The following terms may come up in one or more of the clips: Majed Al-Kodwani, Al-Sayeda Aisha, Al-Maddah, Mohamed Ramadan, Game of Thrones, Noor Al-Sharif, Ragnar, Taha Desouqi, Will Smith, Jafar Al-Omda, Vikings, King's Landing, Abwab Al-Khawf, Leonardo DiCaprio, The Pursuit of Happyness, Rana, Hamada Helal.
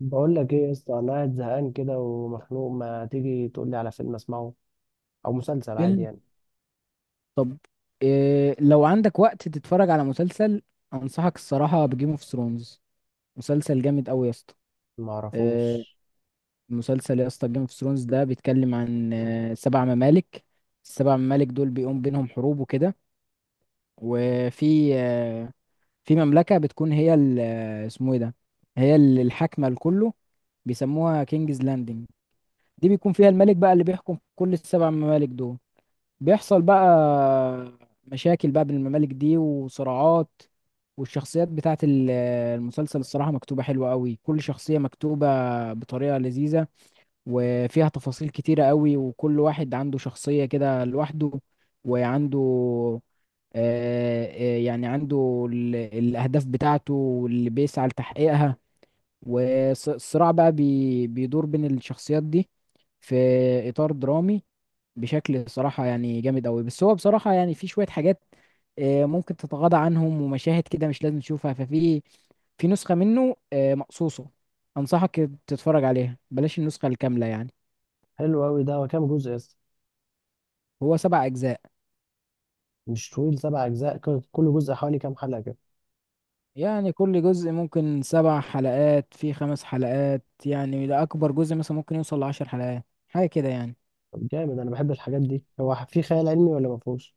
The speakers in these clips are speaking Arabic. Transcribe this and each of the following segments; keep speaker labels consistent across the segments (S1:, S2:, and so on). S1: بقول لك ايه يا اسطى، انا قاعد زهقان كده ومخنوق، ما تيجي تقول لي على فيلم اسمعه او مسلسل عادي
S2: فيلم.
S1: يعني
S2: طب، إيه لو عندك وقت تتفرج على مسلسل؟ انصحك الصراحه بجيم اوف ثرونز. مسلسل جامد قوي يا اسطى.
S1: ما
S2: إيه؟
S1: اعرفوش
S2: مسلسل يا اسطى، جيم اوف ثرونز ده بيتكلم عن سبع ممالك. السبع ممالك دول بيقوم بينهم حروب وكده. وفي آه، في مملكه بتكون هي اسمه ايه ده؟ هي الحاكمه لكله. بيسموها كينجز لاندنج. دي بيكون فيها الملك بقى اللي بيحكم كل السبع ممالك دول. بيحصل بقى مشاكل بقى بين الممالك دي وصراعات. والشخصيات بتاعت المسلسل الصراحة مكتوبة حلوة قوي، كل شخصية مكتوبة بطريقة لذيذة. وفيها تفاصيل كتيرة قوي، وكل واحد عنده شخصية كده لوحده وعنده، يعني عنده الأهداف بتاعته واللي بيسعى لتحقيقها. والصراع بقى بيدور بين الشخصيات دي، في إطار درامي، بشكل صراحة يعني جامد أوي. بس هو بصراحة يعني في شوية حاجات ممكن تتغاضى عنهم، ومشاهد كده مش لازم تشوفها. ففي نسخة منه مقصوصة. أنصحك تتفرج عليها، بلاش النسخة الكاملة يعني.
S1: حلو قوي. ده هو كام جزء يا اسطى؟
S2: هو سبع أجزاء.
S1: مش طويل سبع اجزاء؟ كل جزء حوالي كام حلقه كده؟
S2: يعني كل جزء ممكن سبع حلقات في خمس حلقات يعني، ده أكبر جزء مثلا ممكن يوصل لـ10 حلقات حاجة كده يعني.
S1: طب جامد، انا بحب الحاجات دي. هو في خيال علمي ولا ما فيهوش؟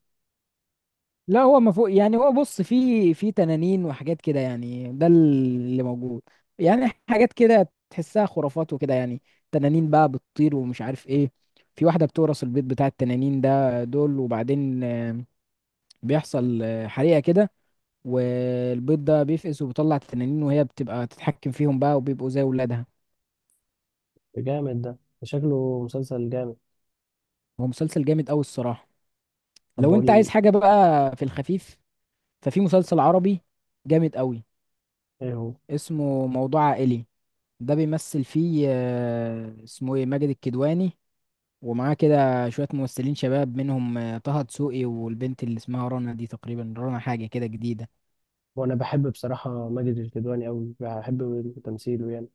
S2: لا هو ما فوق يعني، هو بص، في تنانين وحاجات كده يعني ده اللي موجود. يعني حاجات كده تحسها خرافات وكده يعني. تنانين بقى بتطير ومش عارف ايه. في واحدة بتورث البيت بتاع التنانين ده دول، وبعدين بيحصل حريقة كده. والبيض ده بيفقس وبيطلع التنانين، وهي بتبقى تتحكم فيهم بقى وبيبقوا زي ولادها.
S1: جامد ده، شكله مسلسل جامد.
S2: هو مسلسل جامد قوي الصراحة.
S1: طب
S2: لو انت
S1: بقول
S2: عايز حاجة بقى في الخفيف، ففي مسلسل عربي جامد قوي.
S1: ايه هو.
S2: اسمه موضوع عائلي. ده بيمثل فيه اسمه ايه، ماجد الكدواني. ومعاه كده شوية ممثلين شباب، منهم طه دسوقي، والبنت اللي اسمها رنا دي، تقريبا رنا حاجة كده جديدة.
S1: وانا بحب بصراحه ماجد الكدواني قوي، بحب تمثيله يعني.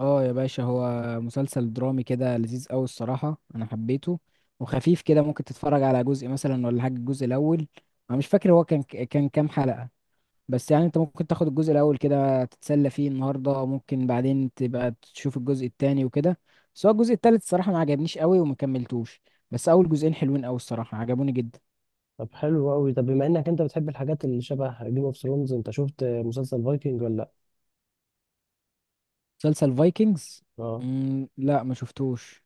S2: اه يا باشا، هو مسلسل درامي كده لذيذ قوي الصراحة، انا حبيته. وخفيف كده، ممكن تتفرج على جزء مثلا ولا حاجة، الجزء الاول. انا مش فاكر هو كان كام حلقة. بس يعني انت ممكن تاخد الجزء الاول كده تتسلى فيه النهارده، ممكن بعدين تبقى تشوف الجزء التاني وكده. بس هو الجزء التالت الصراحه ما عجبنيش قوي وما كملتوش. بس اول جزئين حلوين قوي الصراحه، عجبوني جدا.
S1: طب حلو قوي. طب بما انك انت بتحب الحاجات اللي شبه جيم اوف ثرونز، انت شفت مسلسل فايكنج ولا لا؟
S2: مسلسل فايكنجز؟
S1: اه،
S2: مم، لا، ما شفتوش.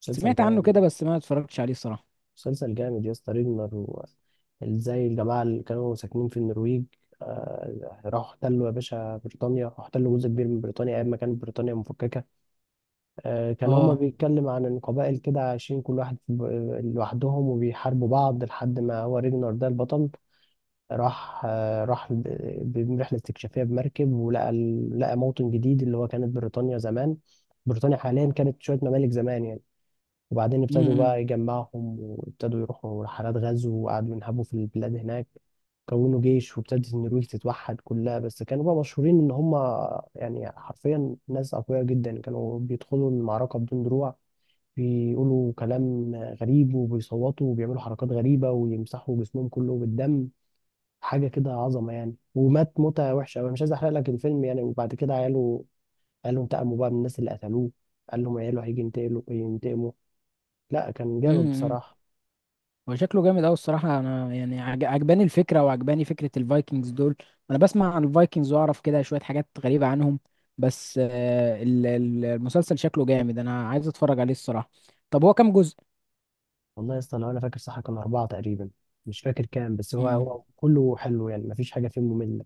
S1: مسلسل
S2: سمعت عنه كده
S1: جامد.
S2: بس ما اتفرجتش عليه الصراحه.
S1: مسلسل جامد يا اسطى ريجنر ازاي الجماعة اللي كانوا ساكنين في النرويج راحوا احتلوا يا باشا بريطانيا، احتلوا جزء كبير من بريطانيا أيام ما كانت بريطانيا مفككة. كان هما
S2: اه.
S1: بيتكلم عن إن قبائل كده عايشين كل واحد في لوحدهم، وبيحاربوا بعض لحد ما هو ريجنر ده البطل راح، برحلة استكشافية بمركب، ولقى لقى موطن جديد اللي هو كانت بريطانيا زمان. بريطانيا حاليا كانت شوية ممالك زمان يعني. وبعدين ابتدوا
S2: امم.
S1: بقى يجمعهم، وابتدوا يروحوا رحلات غزو، وقعدوا ينهبوا في البلاد هناك. كونوا جيش، وابتدت النرويج تتوحد كلها. بس كانوا بقى مشهورين ان هم يعني حرفيا ناس اقوياء جدا، كانوا بيدخلوا المعركة بدون دروع، بيقولوا كلام غريب وبيصوتوا وبيعملوا حركات غريبة ويمسحوا جسمهم كله بالدم. حاجة كده عظمة يعني. ومات موتة وحشة أوي. انا مش عايز احرق لك الفيلم يعني. وبعد كده عياله قالوا انتقموا بقى من الناس اللي قتلوه. قال لهم عياله هيجي ينتقلوا ينتقموا. لا كان جامد
S2: امم.
S1: بصراحة.
S2: هو شكله جامد قوي الصراحه، انا يعني عجباني الفكره، وعجباني فكره الفايكنجز دول. انا بسمع عن الفايكنجز واعرف كده شويه حاجات غريبه عنهم. بس المسلسل شكله جامد، انا عايز اتفرج عليه الصراحه. طب هو كام جزء؟
S1: والله يا اسطى لو انا فاكر صح كان أربعة تقريبا. مش فاكر كام، بس هو
S2: امم.
S1: هو كله حلو يعني، مفيش حاجة فيه مملة.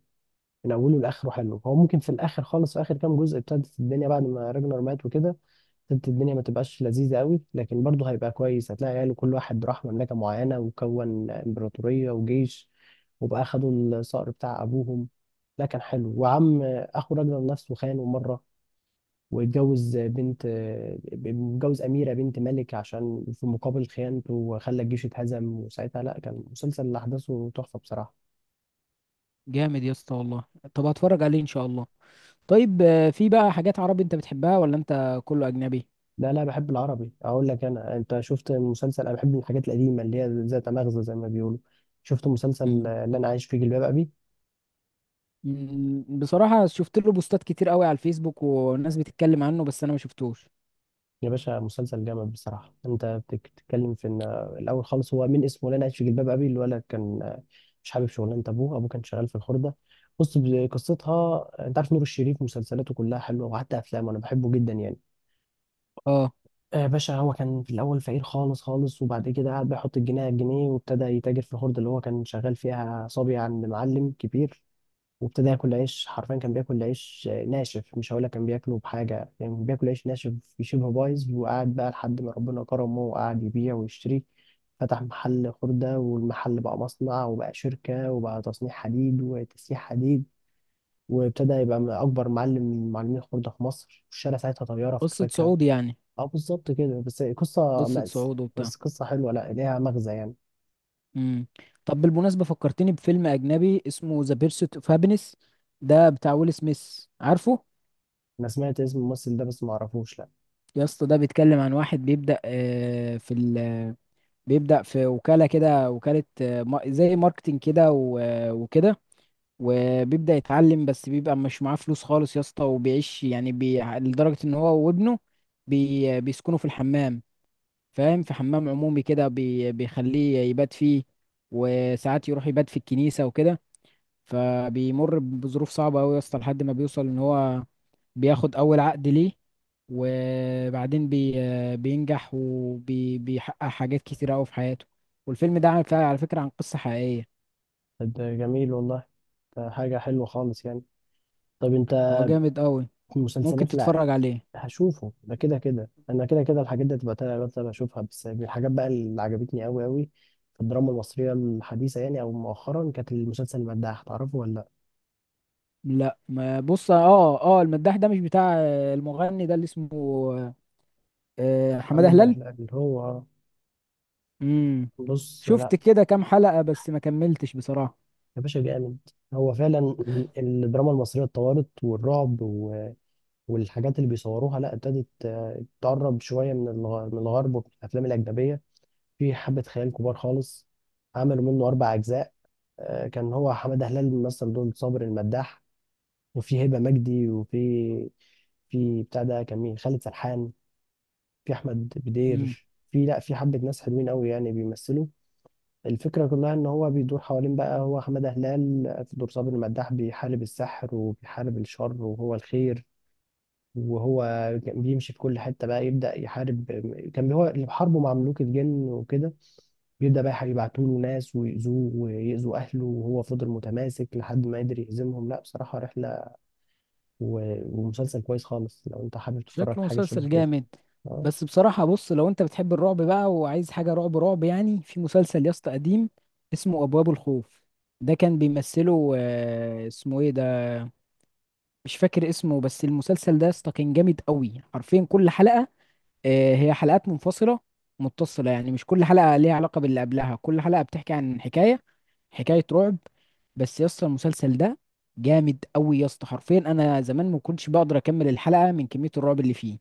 S1: من أوله لآخره حلو. هو ممكن في الآخر خالص، في آخر كام جزء، ابتدت الدنيا بعد ما راجنر مات وكده، ابتدت الدنيا ما تبقاش لذيذة قوي، لكن برضه هيبقى كويس. هتلاقي عياله كل واحد راح مملكة معينة وكون إمبراطورية وجيش، وبقى خدوا الصقر بتاع أبوهم. لا كان حلو. وعم أخو راجنر نفسه خانه مرة، واتجوز بنت، متجوز أميرة بنت ملك عشان في مقابل خيانته، وخلى الجيش اتهزم. وساعتها لا كان مسلسل اللي أحداثه تحفة بصراحة.
S2: جامد يا اسطى والله. طب هتفرج عليه ان شاء الله. طيب، في بقى حاجات عربي انت بتحبها ولا انت كله اجنبي؟
S1: لا لا، بحب العربي. أقول لك أنا، أنت شفت مسلسل؟ أنا بحب الحاجات القديمة اللي هي ذات مغزى زي ما بيقولوا. شفت مسلسل
S2: امم.
S1: اللي أنا عايش فيه جلباب أبي؟
S2: أمم، بصراحه شفت له بوستات كتير قوي على الفيسبوك، وناس بتتكلم عنه، بس انا ما شفتوش.
S1: يا باشا مسلسل جامد بصراحة. انت بتتكلم في ان الاول خالص هو من اسمه لنا عايش في جلباب ابي. الولد كان مش حابب شغلانة ابوه، ابوه كان شغال في الخردة. بص، قصتها، انت عارف نور الشريف مسلسلاته كلها حلوة، وحتى افلامه انا بحبه جدا يعني.
S2: اه.
S1: باشا، هو كان في الاول فقير خالص خالص، وبعد كده قعد بيحط الجنيه على الجنيه، وابتدى يتاجر في الخردة اللي هو كان شغال فيها صبي عند معلم كبير. وابتدى ياكل عيش حرفيا، كان بياكل عيش ناشف. مش هقول لك كان بياكله بحاجه يعني، كان بياكل عيش ناشف شبه بايظ. وقعد بقى لحد ما ربنا كرمه، وقعد يبيع ويشتري. فتح محل خردة، والمحل بقى مصنع، وبقى شركة، وبقى تصنيع حديد وتسييح حديد. وابتدى يبقى من أكبر معلم من معلمين الخردة في مصر، والشارع ساعتها طيارة في
S2: قصه
S1: كفاكها.
S2: صعود يعني.
S1: اه بالظبط كده، بس قصة
S2: قصه
S1: مأس،
S2: صعود وبتاع.
S1: بس قصة حلوة، لا ليها مغزى يعني.
S2: مم. طب، بالمناسبة فكرتني بفيلم أجنبي اسمه ذا بيرسوت اوف هابينس. ده بتاع ويل سميث، عارفه؟
S1: أنا سمعت اسم الممثل ده بس معرفوش، لا.
S2: يا اسطى، ده بيتكلم عن واحد بيبدأ في وكالة كده. وكالة، زي ماركتينج كده، وكده. وبيبدأ يتعلم، بس بيبقى مش معاه فلوس خالص يا اسطى، وبيعيش يعني، لدرجة ان هو وابنه بيسكنوا في الحمام. فاهم، في حمام عمومي كده بيخليه يبات فيه. وساعات يروح يبات في الكنيسة وكده. فبيمر بظروف صعبة أوي يا اسطى، لحد ما بيوصل إن هو بياخد أول عقد ليه. وبعدين بينجح وبيحقق حاجات كتيرة أوي في حياته. والفيلم ده على فكرة عن قصة حقيقية.
S1: طب ده جميل والله، ده حاجة حلوة خالص يعني. طب انت
S2: هو جامد أوي. ممكن
S1: مسلسلات؟ لا،
S2: تتفرج عليه.
S1: هشوفه ده كده كده، انا كده كده الحاجات دي هتبقى تابع بتابع اشوفها. بس من الحاجات بقى اللي عجبتني قوي قوي في الدراما المصريه الحديثه يعني او مؤخرا، كانت المسلسل المداح، تعرفه ولا لا؟
S2: لا ما بص. اه، اه، المداح ده مش بتاع المغني ده اللي اسمه حمادة
S1: محمد داح
S2: هلال؟
S1: اللي هو.
S2: امم.
S1: بص
S2: شفت
S1: لا.
S2: كده كام حلقة بس ما كملتش بصراحة.
S1: يا باشا جامد، هو فعلا الدراما المصريه اتطورت، والرعب والحاجات اللي بيصوروها لا ابتدت تقرب شويه من من الغرب ومن الافلام الاجنبيه. في حبه خيال كبار خالص. عملوا منه اربع اجزاء. كان هو حماده هلال مثل دور صابر المداح، وفي هبه مجدي، وفي، في بتاع ده كان مين، خالد سرحان، في احمد بدير، في لا في حبه ناس حلوين قوي يعني بيمثلوا. الفكره كلها ان هو بيدور حوالين بقى هو حماده هلال في دور صابر المداح، بيحارب السحر وبيحارب الشر وهو الخير. وهو كان بيمشي في كل حتة بقى يبدأ يحارب. كان هو اللي بحاربه مع ملوك الجن وكده، بيبدأ بقى يبعتوا له ناس ويأذوه ويأذوا أهله، وهو فضل متماسك لحد ما قدر يهزمهم. لا بصراحة رحلة ومسلسل كويس خالص لو أنت حابب تتفرج
S2: شكله
S1: على حاجة شبه
S2: مسلسل
S1: كده.
S2: جامد.
S1: أه.
S2: بس بصراحة بص، لو انت بتحب الرعب بقى وعايز حاجة رعب رعب يعني، في مسلسل يا اسطى قديم. اسمه أبواب الخوف. ده كان بيمثله اسمه ايه ده، مش فاكر اسمه. بس المسلسل ده يا اسطى كان جامد قوي، حرفيا كل حلقة، هي حلقات منفصلة متصلة يعني. مش كل حلقة ليها علاقة باللي قبلها، كل حلقة بتحكي عن حكاية، حكاية رعب. بس يا اسطى، المسلسل ده جامد قوي يا اسطى، حرفيا انا زمان ما كنتش بقدر اكمل الحلقة من كمية الرعب اللي فيه.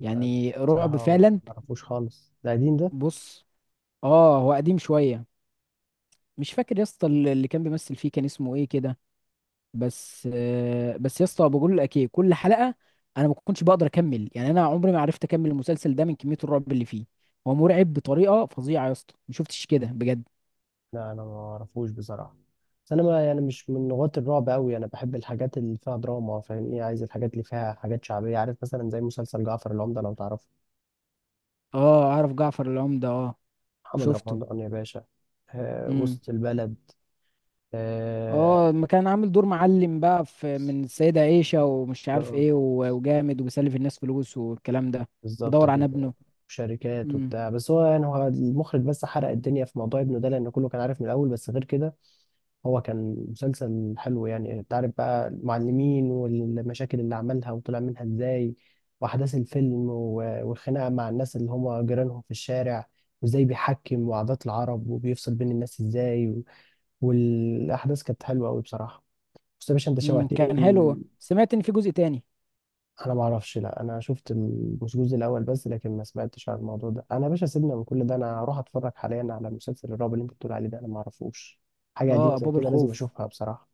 S2: يعني رعب
S1: بصراحة مش
S2: فعلا.
S1: معرفوش خالص، ده قديم ده؟
S2: بص. اه هو قديم شويه. مش فاكر يا اسطى اللي كان بيمثل فيه كان اسمه ايه كده. بس يا اسطى بقول لك ايه، كل حلقه انا ما كنتش بقدر اكمل يعني، انا عمري ما عرفت اكمل المسلسل ده من كميه الرعب اللي فيه. هو مرعب بطريقه فظيعه يا اسطى، ما شفتش كده بجد.
S1: لا أنا ما أعرفوش بصراحة. بس أنا ما يعني مش من غواة الرعب أوي، أنا بحب الحاجات اللي فيها دراما، فاهمني؟ عايز الحاجات اللي فيها حاجات شعبية، عارف، مثلا زي مسلسل جعفر العمدة، لو تعرفه.
S2: اه، اعرف جعفر العمده اه.
S1: محمد
S2: شفته.
S1: رمضان يا باشا. آه
S2: امم.
S1: وسط البلد. آه
S2: اه، ما كان عامل دور معلم بقى في من السيده عيشه ومش عارف ايه، وجامد وبيسلف الناس فلوس والكلام ده.
S1: بالظبط
S2: بدور عن
S1: كده. شركات
S2: ابنه.
S1: وبتاع. بس هو يعني هو المخرج بس حرق الدنيا في موضوع ابنه ده، لأن كله كان عارف من الأول. بس غير كده هو كان مسلسل حلو يعني. أنت عارف بقى المعلمين والمشاكل اللي عملها وطلع منها إزاي، وأحداث الفيلم والخناقة مع الناس اللي هم جيرانهم في الشارع، وإزاي بيحكم وعادات العرب وبيفصل بين الناس إزاي، والأحداث كانت حلوة أوي بصراحة. بس يا باشا أنت
S2: امم،
S1: شوقتني.
S2: كان حلو، سمعت ان في جزء تاني.
S1: انا ما اعرفش، لا انا شفت مش الجزء الاول بس، لكن ما سمعتش عن الموضوع ده. انا يا باشا سيبنا من كل ده، انا هروح اتفرج حاليا على مسلسل الرعب اللي انت بتقول عليه ده، انا ما اعرفوش. حاجه قديمه
S2: اه،
S1: زي
S2: ابواب
S1: كده لازم
S2: الخوف.
S1: اشوفها بصراحه.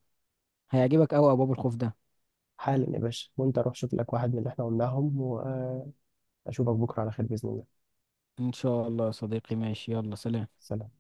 S2: هيعجبك قوي ابواب الخوف ده.
S1: حالا يا باشا، وانت روح شوف لك واحد من اللي احنا قلناهم، واشوفك بكره على خير باذن الله.
S2: ان شاء الله يا صديقي، ماشي، يلا سلام.
S1: سلام.